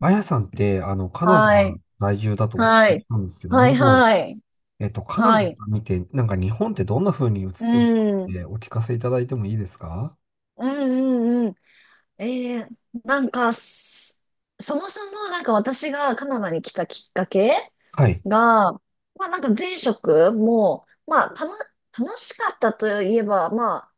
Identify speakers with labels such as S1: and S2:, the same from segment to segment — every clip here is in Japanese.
S1: あやさんって、カナダ
S2: はい。
S1: 在住だとお聞
S2: は
S1: き
S2: い。
S1: したんですけど
S2: はい、
S1: も、
S2: はい。
S1: カナダ
S2: は
S1: か
S2: い。
S1: ら見て、なんか日本ってどんな風に映っ
S2: う
S1: てるか
S2: ん。
S1: ってお聞かせいただいてもいいですか？
S2: うん、うんえー、なんかす、そもそも私がカナダに来たきっかけ
S1: はい。
S2: が、まあ前職も、まあたの、楽しかったといえば、まあ、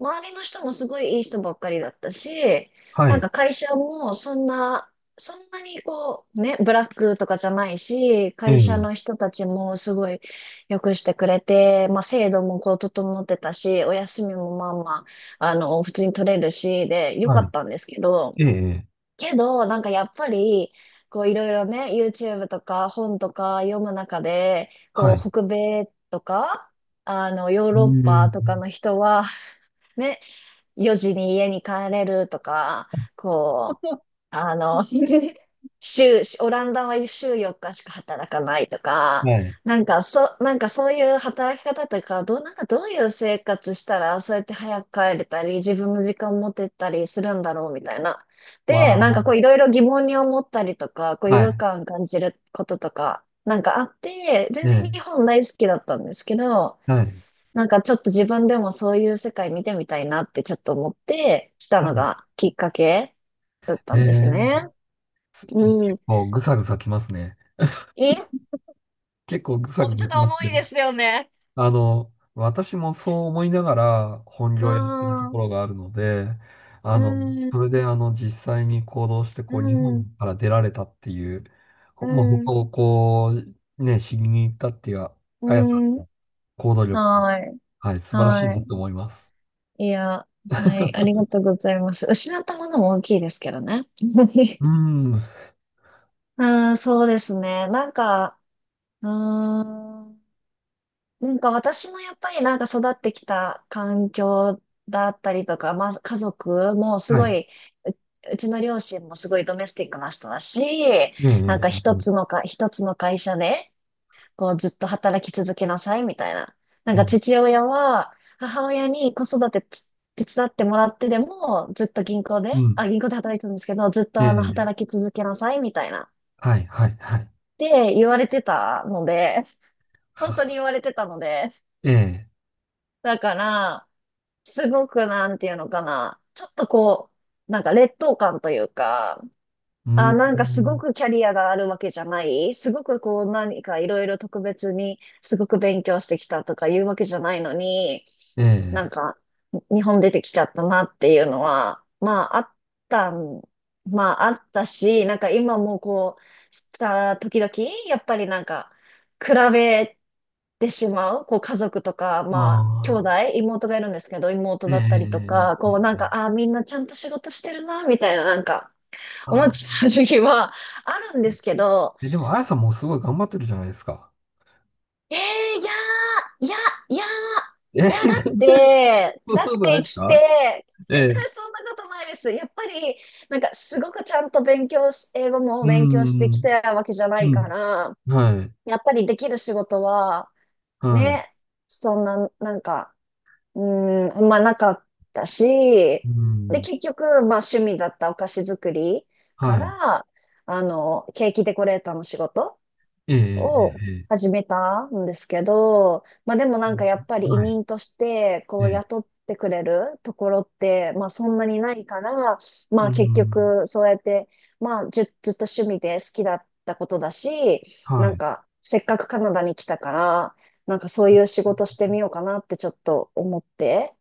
S2: 周りの人もすごいいい人ばっかりだったし、
S1: は
S2: なん
S1: い。
S2: か会社もそんな、そんなにこう、ね、ブラックとかじゃないし、
S1: え
S2: 会社
S1: え、
S2: の人たちもすごい良くしてくれて、まあ制度もこう整ってたし、お休みもまあまあの、普通に取れるし、で、良か
S1: は
S2: っ
S1: い。
S2: たんですけど、
S1: ええ、
S2: けど、なんかやっぱり、こういろいろね、YouTube とか本とか読む中で、こ
S1: はい。う
S2: う北米とか、あの、ヨー
S1: ー
S2: ロッパ
S1: ん。
S2: とかの人は、ね、4時に家に帰れるとか、こう、あの、オランダは週4日しか働かないとか、
S1: はい。
S2: なんかそういう働き方とか、なんかどういう生活したら、そうやって早く帰れたり、自分の時間持てたりするんだろうみたいな。で、なんかこ
S1: わ
S2: ういろいろ疑問に思ったりとか、こう
S1: あ、
S2: 違
S1: は
S2: 和
S1: い。
S2: 感感じることとか、なんかあって、全
S1: え
S2: 然日
S1: え、
S2: 本大好きだったんですけど、
S1: はい。
S2: なんかちょっと自分でもそういう世界見てみたいなってちょっと思って来た
S1: は
S2: の
S1: い。
S2: がきっかけだった
S1: え
S2: んです
S1: え、
S2: ね。うん。
S1: 結構ぐさぐさきますね。
S2: え、
S1: 結構ぐさ
S2: お、
S1: ぐ
S2: ち
S1: さ
S2: ょっ
S1: き
S2: と
S1: ま
S2: 重
S1: す
S2: い
S1: ね。
S2: ですよね。
S1: 私もそう思いながら本
S2: う
S1: 業をやってるとこ
S2: ん、
S1: ろがあるので、あ
S2: う
S1: の、それ
S2: ん、
S1: で実際に行動して、
S2: う
S1: こう、日
S2: ん、
S1: 本から出られたっていう、
S2: う
S1: まあ、他
S2: ん、
S1: をこう、ね、知りに行ったっていう、
S2: う
S1: あやさん、
S2: ん。
S1: 行動力、
S2: はい、
S1: はい、素晴らしいな
S2: は
S1: と思います。
S2: い。いや、はい、ありが とうございます。失ったものも大きいですけどね。
S1: う ん、は
S2: うん、そうですね。なんか、うん。なんか私もやっぱりなんか育ってきた環境だったりとか、まあ家族もすご
S1: い。
S2: い、ううちの両親もすごいドメスティックな人だし、
S1: ええ、
S2: なん
S1: え
S2: か一つ
S1: え
S2: のか、一つの会社でこうずっと働き続けなさいみたいな。なん
S1: え
S2: か
S1: え
S2: 父親は母親に子育て手伝ってもらってでもずっと銀行で、
S1: うん、
S2: あ、銀行で働いてたんですけど、ずっ
S1: え
S2: とあの
S1: え、
S2: 働き続けなさいみたいなっ
S1: はい、はい、はい。
S2: て言われてたので、本当に
S1: は
S2: 言われてたので、
S1: ええ、
S2: だから、すごくなんていうのかな。ちょっとこう、なんか劣等感というか、
S1: う
S2: あ、なんかすご
S1: ん、
S2: くキャリアがあるわけじゃないすごくこう何かいろいろ特別にすごく勉強してきたとかいうわけじゃないのに、
S1: え
S2: なん
S1: え、
S2: か日本出てきちゃったなっていうのは、まああったん、まああったし、なんか今もこう、時々、やっぱりなんか比べてしまう、こう家族とか、まあ兄弟、
S1: ま
S2: 妹がいるんですけど、妹
S1: あ、ええ、
S2: だったりと
S1: え
S2: か、
S1: え、
S2: こうなん
S1: ええ
S2: か、ああ、みんなちゃんと仕事してるな、みたいななんか、思っ
S1: あ
S2: ち
S1: あ
S2: ゃう時はあるん
S1: え、
S2: ですけど、
S1: え、でも、あやさんもすごい頑張ってるじゃないですか。
S2: えー、いやー、いや、
S1: え、
S2: だ
S1: そ
S2: っ
S1: んな
S2: て、
S1: ことないです
S2: 来
S1: か？
S2: て、
S1: え
S2: 絶
S1: え、
S2: 対そんなことないです。やっぱり、なんかすごくちゃんと勉強し、英語も
S1: う
S2: 勉強してき
S1: ん、
S2: たわけじゃな
S1: う
S2: いか
S1: ん、
S2: ら、
S1: はい、
S2: やっぱりできる仕事は、
S1: はい、
S2: ね、そんな、なんか、うーん、あんまなかった
S1: う
S2: し、で、
S1: ん、
S2: 結局、まあ趣味だったお菓子作りか
S1: はい、
S2: ら、あの、ケーキデコレーターの仕事
S1: ええ、え
S2: を
S1: え、え
S2: 始めたんですけど、まあでもなんかやっ
S1: え
S2: ぱり移
S1: はい、
S2: 民としてこ
S1: え
S2: う
S1: え、
S2: 雇ってくれるところってまあそんなにないから、ま
S1: う
S2: あ結
S1: ん、
S2: 局そうやってまあずっと趣味で好きだったことだし、な
S1: は
S2: ん
S1: い、
S2: かせっかくカナダに来たから、なんかそういう仕事してみようかなってちょっと思って、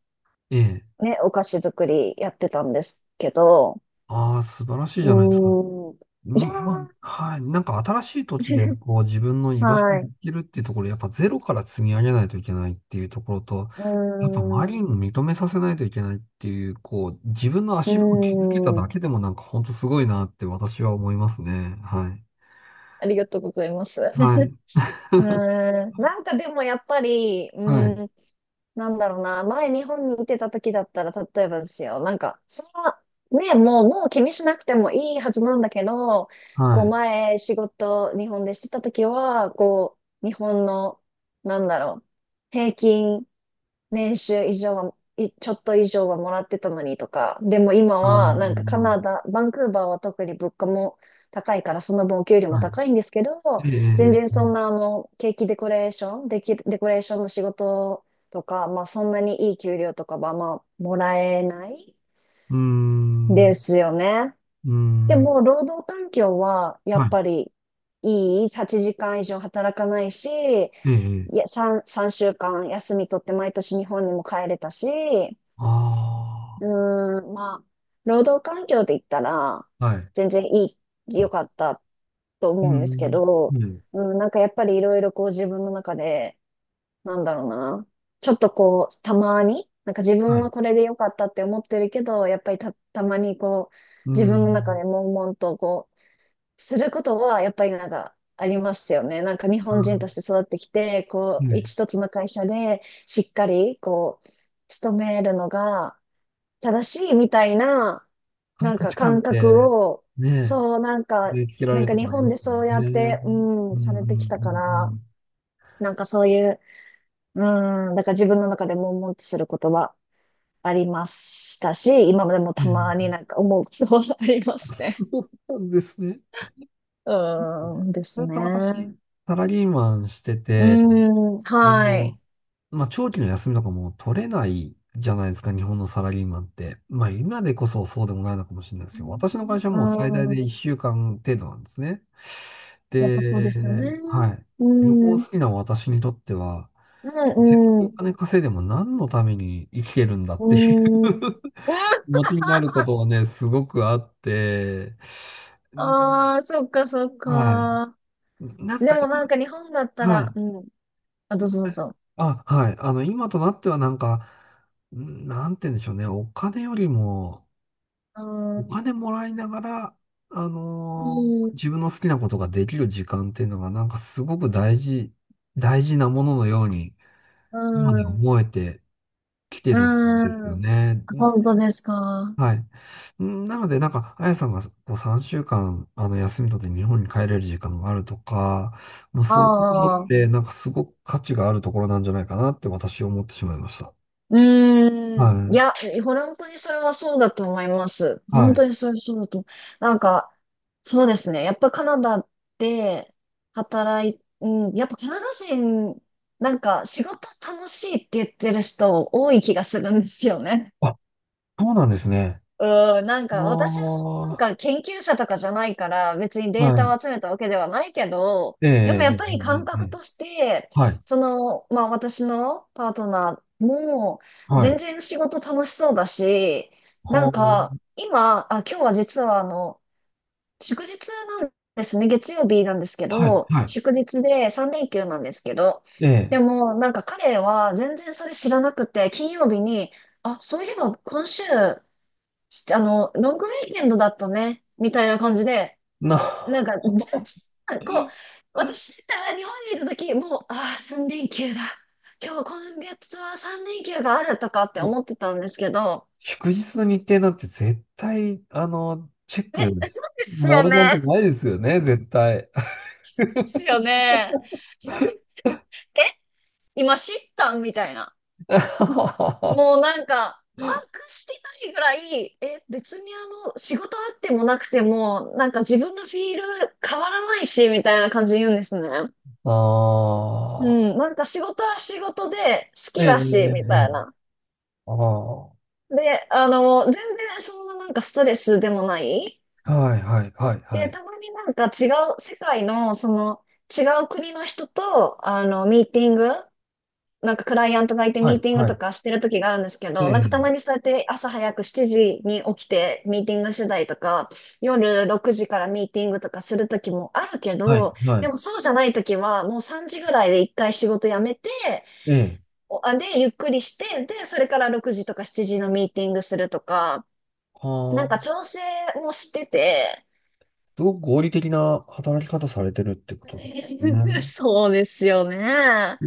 S1: ええ、
S2: ね、お菓子作りやってたんですけど、
S1: ああ、素晴らしい
S2: う
S1: じゃないですか。
S2: ーん、
S1: う
S2: いや
S1: んまあはい。なんか新しい土地でこう自分の居
S2: ー、
S1: 場所に
S2: はい、
S1: 行
S2: う
S1: けるっていうところ、やっぱゼロから積み上げないといけないっていうところと、
S2: ー
S1: やっぱ周り
S2: ん、
S1: に
S2: う
S1: も認めさせないといけないっていう、こう自分の
S2: ー
S1: 足場を築けただ
S2: ん、
S1: けでもなんか本当すごいなって私は思いますね。はい。
S2: ありがとうございます。
S1: はい。
S2: うーん。なんかでもやっぱり、う
S1: はい。
S2: ーん、なんだろうな。前日本にいてた時だったら、例えばですよ。なんか、その、ね、もう、もう気にしなくてもいいはずなんだけど、こ
S1: は
S2: う
S1: い。
S2: 前仕事日本でしてた時は、こう、日本の、なんだろう、平均年収以上は、ちょっと以上はもらってたのにとか、でも今
S1: あ
S2: はなんかカ
S1: の
S2: ナダ、バンクーバーは特に物価も高いからその分お給料も
S1: は
S2: 高いんですけど、全
S1: い。え
S2: 然
S1: え
S2: そんなあのケーキデコレーション、デキデコレーションの仕事とか、まあそんなにいい給料とかはまあもらえない
S1: うん。
S2: で
S1: う
S2: すよね。
S1: ー
S2: で
S1: ん。
S2: も労働環境はやっ
S1: は
S2: ぱりいい、8時間以上働かないし、
S1: い。ええ
S2: いや、3週間休み取って毎年日本にも帰れたし、
S1: あ
S2: うーん、まあ、労働環境で言ったら、
S1: あはい。
S2: 全然いい、良かったと
S1: う
S2: 思うんですけ
S1: ん。
S2: ど、
S1: はい。
S2: うん、なんかやっぱりいろいろこう自分の中で、なんだろうな、ちょっとこう、たまに、なんか自
S1: は
S2: 分
S1: い。う
S2: はこれで良かったって思ってるけど、やっぱりたまにこう、自分の中で
S1: ん。
S2: 悶々とこう、することは、やっぱりなんか、ありますよね。なんか日本人として育ってきて、
S1: うん
S2: こ
S1: は
S2: う、
S1: い、
S2: 一つの会社でしっかり、こう、勤めるのが、正しいみたいな、
S1: そういう
S2: なん
S1: 価
S2: か
S1: 値観っ
S2: 感
S1: て、
S2: 覚を、
S1: ねえ、
S2: そう、なんか、
S1: 植え付けられ
S2: なん
S1: る
S2: か
S1: とこ
S2: 日
S1: あり
S2: 本
S1: ま
S2: で
S1: す
S2: そう
S1: もん
S2: やっ
S1: ね。
S2: て、う
S1: うんう
S2: ん、されてき
S1: ん
S2: た
S1: う
S2: から、
S1: ん
S2: なんかそういう、うん、だから自分の中で悶々とすることはありましたし、今までも
S1: うん。え
S2: たまに
S1: え、
S2: なんか思うことはありますね。
S1: そうなんですね。
S2: うん、です
S1: ずっと私、
S2: ね。
S1: サラリーマンして
S2: う
S1: て、
S2: ん、
S1: あ
S2: はい。
S1: の、まあ、長期の休みとかも取れないじゃないですか、日本のサラリーマンって。まあ、今でこそそうでもないのかもしれないですけど、私の会社は
S2: う
S1: もう最大
S2: んう
S1: で
S2: ん、
S1: 1週間程度なんですね。
S2: やっぱそうですよね。
S1: で、はい。
S2: う
S1: 旅
S2: ん、う
S1: 行
S2: ん、
S1: 好きな私にとっては、
S2: うん、
S1: お
S2: う
S1: 金稼いでも何のために生きてるんだっ
S2: ん。
S1: ていう
S2: うん
S1: 気持ちになることはね、すごくあって、うん
S2: ああ、そっかそっ
S1: はい。
S2: か。
S1: なん
S2: で
S1: か
S2: も
S1: 今、
S2: なんか日本だった
S1: は
S2: ら、
S1: い。
S2: うん。あ、どうぞどうぞ。
S1: あ、はい。今となってはなんか、なんて言うんでしょうね。お金よりも、
S2: う
S1: お
S2: ん。
S1: 金もらいながら、
S2: うん。
S1: 自分の好きなことができる時間っていうのがなんかすごく大事、大事なもののように、
S2: う
S1: 今で
S2: ん。
S1: 思えてきて
S2: う
S1: るんですよ
S2: ん。
S1: ね。
S2: 本当ですか。
S1: はい。なので、なんか、あやさんがこう3週間、休み取って日本に帰れる時間があるとか、まあ、
S2: あ
S1: そういうのっ
S2: あ。
S1: て、なんかすごく価値があるところなんじゃないかなって私思ってしまいました。
S2: う
S1: は
S2: ーん。い
S1: い。
S2: や、本当にそれはそうだと思います。本
S1: はい。
S2: 当にそれそうだと。なんか、そうですね。やっぱカナダで働い、うん。やっぱカナダ人、なんか仕事楽しいって言ってる人多い気がするんですよね。
S1: あ、そうなんですね。
S2: うん、なん
S1: あ
S2: か
S1: あ、
S2: 私はその
S1: は
S2: なんか研究者とかじゃないから別にデータ
S1: い。
S2: を集めたわけではないけど、
S1: え
S2: でも
S1: え、
S2: や
S1: ええ、
S2: っぱり感
S1: ええ、え
S2: 覚
S1: え
S2: として、
S1: はい。
S2: その、まあ私のパートナーも
S1: はい。
S2: 全然仕事楽しそうだし、なんか
S1: は
S2: 今、あ、今日は実はあの、祝日なんですね。月曜日なんですけ
S1: あ、はい。
S2: ど、
S1: はい。
S2: 祝日で3連休なんですけど、
S1: ええ、
S2: でもなんか彼は全然それ知らなくて、金曜日に、あ、そういえば今週あの、ロングウィーケンドだったね、みたいな感じで、
S1: な、
S2: なんか、全然こう、私だったら日本にいた時、もう、ああ、3連休だ。今日、今月は3連休があるとかって
S1: もう
S2: 思ってたんですけど、
S1: 祝日の日程なんて絶対、チェッ
S2: え、
S1: ク、
S2: です
S1: も
S2: よ
S1: ろなんて
S2: ね。で
S1: ないですよね、絶対。
S2: すよね。さえ、今知ったんみたいな。
S1: あ
S2: もうなんか、把握してないぐらい、え、別にあの、仕事あってもなくても、なんか自分のフィール変わらないし、みたいな感じで言うんですね。う
S1: あ
S2: ん、なんか仕事は仕事で好
S1: ー、え
S2: き
S1: え、
S2: だ
S1: え
S2: し、
S1: え、
S2: み
S1: え
S2: た
S1: え
S2: いな。
S1: ああ、は
S2: で、あの、全然そんななんかストレスでもない。
S1: いはい、はい、は
S2: で、
S1: い、
S2: たまになんか違う、世界のその違う国の人と、あの、ミーティング、なんかクライアントがいて
S1: は
S2: ミー
S1: い、
S2: ティング
S1: は
S2: と
S1: い、
S2: かしてる時があるんですけ
S1: え
S2: ど、なんかたま
S1: え、
S2: にそうやって朝早く7時に起きてミーティングしてたりとか、夜6時からミーティングとかする時もあるけ
S1: はい、
S2: ど、
S1: は
S2: で
S1: い、
S2: もそうじゃない時はもう3時ぐらいで一回仕事辞めて、
S1: ええ、
S2: で、ゆっくりして、で、それから6時とか7時のミーティングするとか、なん
S1: は
S2: か
S1: あ、
S2: 調整もしてて、
S1: すごく合理的な働き方されてるってことです ね。
S2: そうですよね。な
S1: う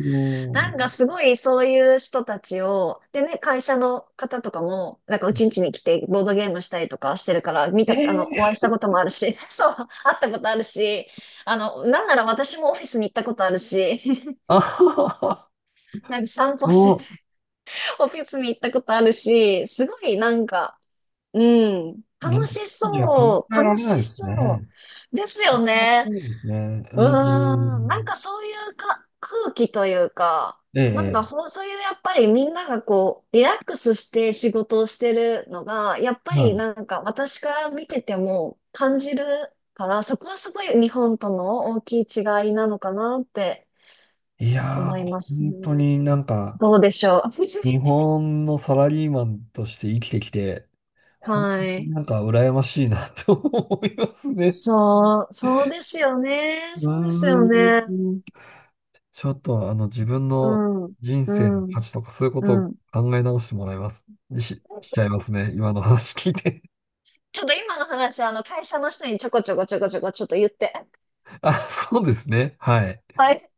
S2: んか
S1: ん。
S2: すごいそういう人たちを、でね、会社の方とかも、なんかうちんちに来てボードゲームしたりとかしてるから、
S1: え
S2: あの、お会いし
S1: え、
S2: たこともあるし、そう、会ったことあるし、あの、なんなら私もオフィスに行ったことあるし、
S1: あはは、
S2: なんか散歩し
S1: お、
S2: てて、オフィスに行ったことあるし、すごいなんか、うん。楽し
S1: いや、考
S2: そう。
S1: えら
S2: 楽
S1: れない
S2: し
S1: です
S2: そ
S1: ね。
S2: う。ですよ
S1: 考えられ
S2: ね。
S1: ないですね。う
S2: うーん。なん
S1: ん。
S2: かそういうか、空気というか、なんか
S1: え
S2: ほん、そういうやっぱりみんながこう、リラックスして仕事をしてるのが、やっぱ
S1: え、
S2: り
S1: は
S2: なんか私から見てても感じるから、そこはすごい日本との大きい違いなのかなって
S1: い。いやー、
S2: 思います
S1: 本
S2: ね。
S1: 当になんか、
S2: どうでしょう。
S1: 日本のサラリーマンとして生きてきて、本
S2: は
S1: 当に
S2: い。
S1: なんか羨ましいなと思いますね。
S2: そう、そうですよね。
S1: う
S2: そうですよ
S1: ー
S2: ね。
S1: ん。ちょっと自分
S2: う
S1: の
S2: ん、
S1: 人
S2: う
S1: 生の価
S2: ん、
S1: 値とかそういうことを
S2: うん。
S1: 考え直してもらいます。しちゃいますね。今の話聞いて。
S2: ちょっと今の話、あの、会社の人にちょこちょこちょこちょこちょっと言って。
S1: あ、そうですね。はい。
S2: はい。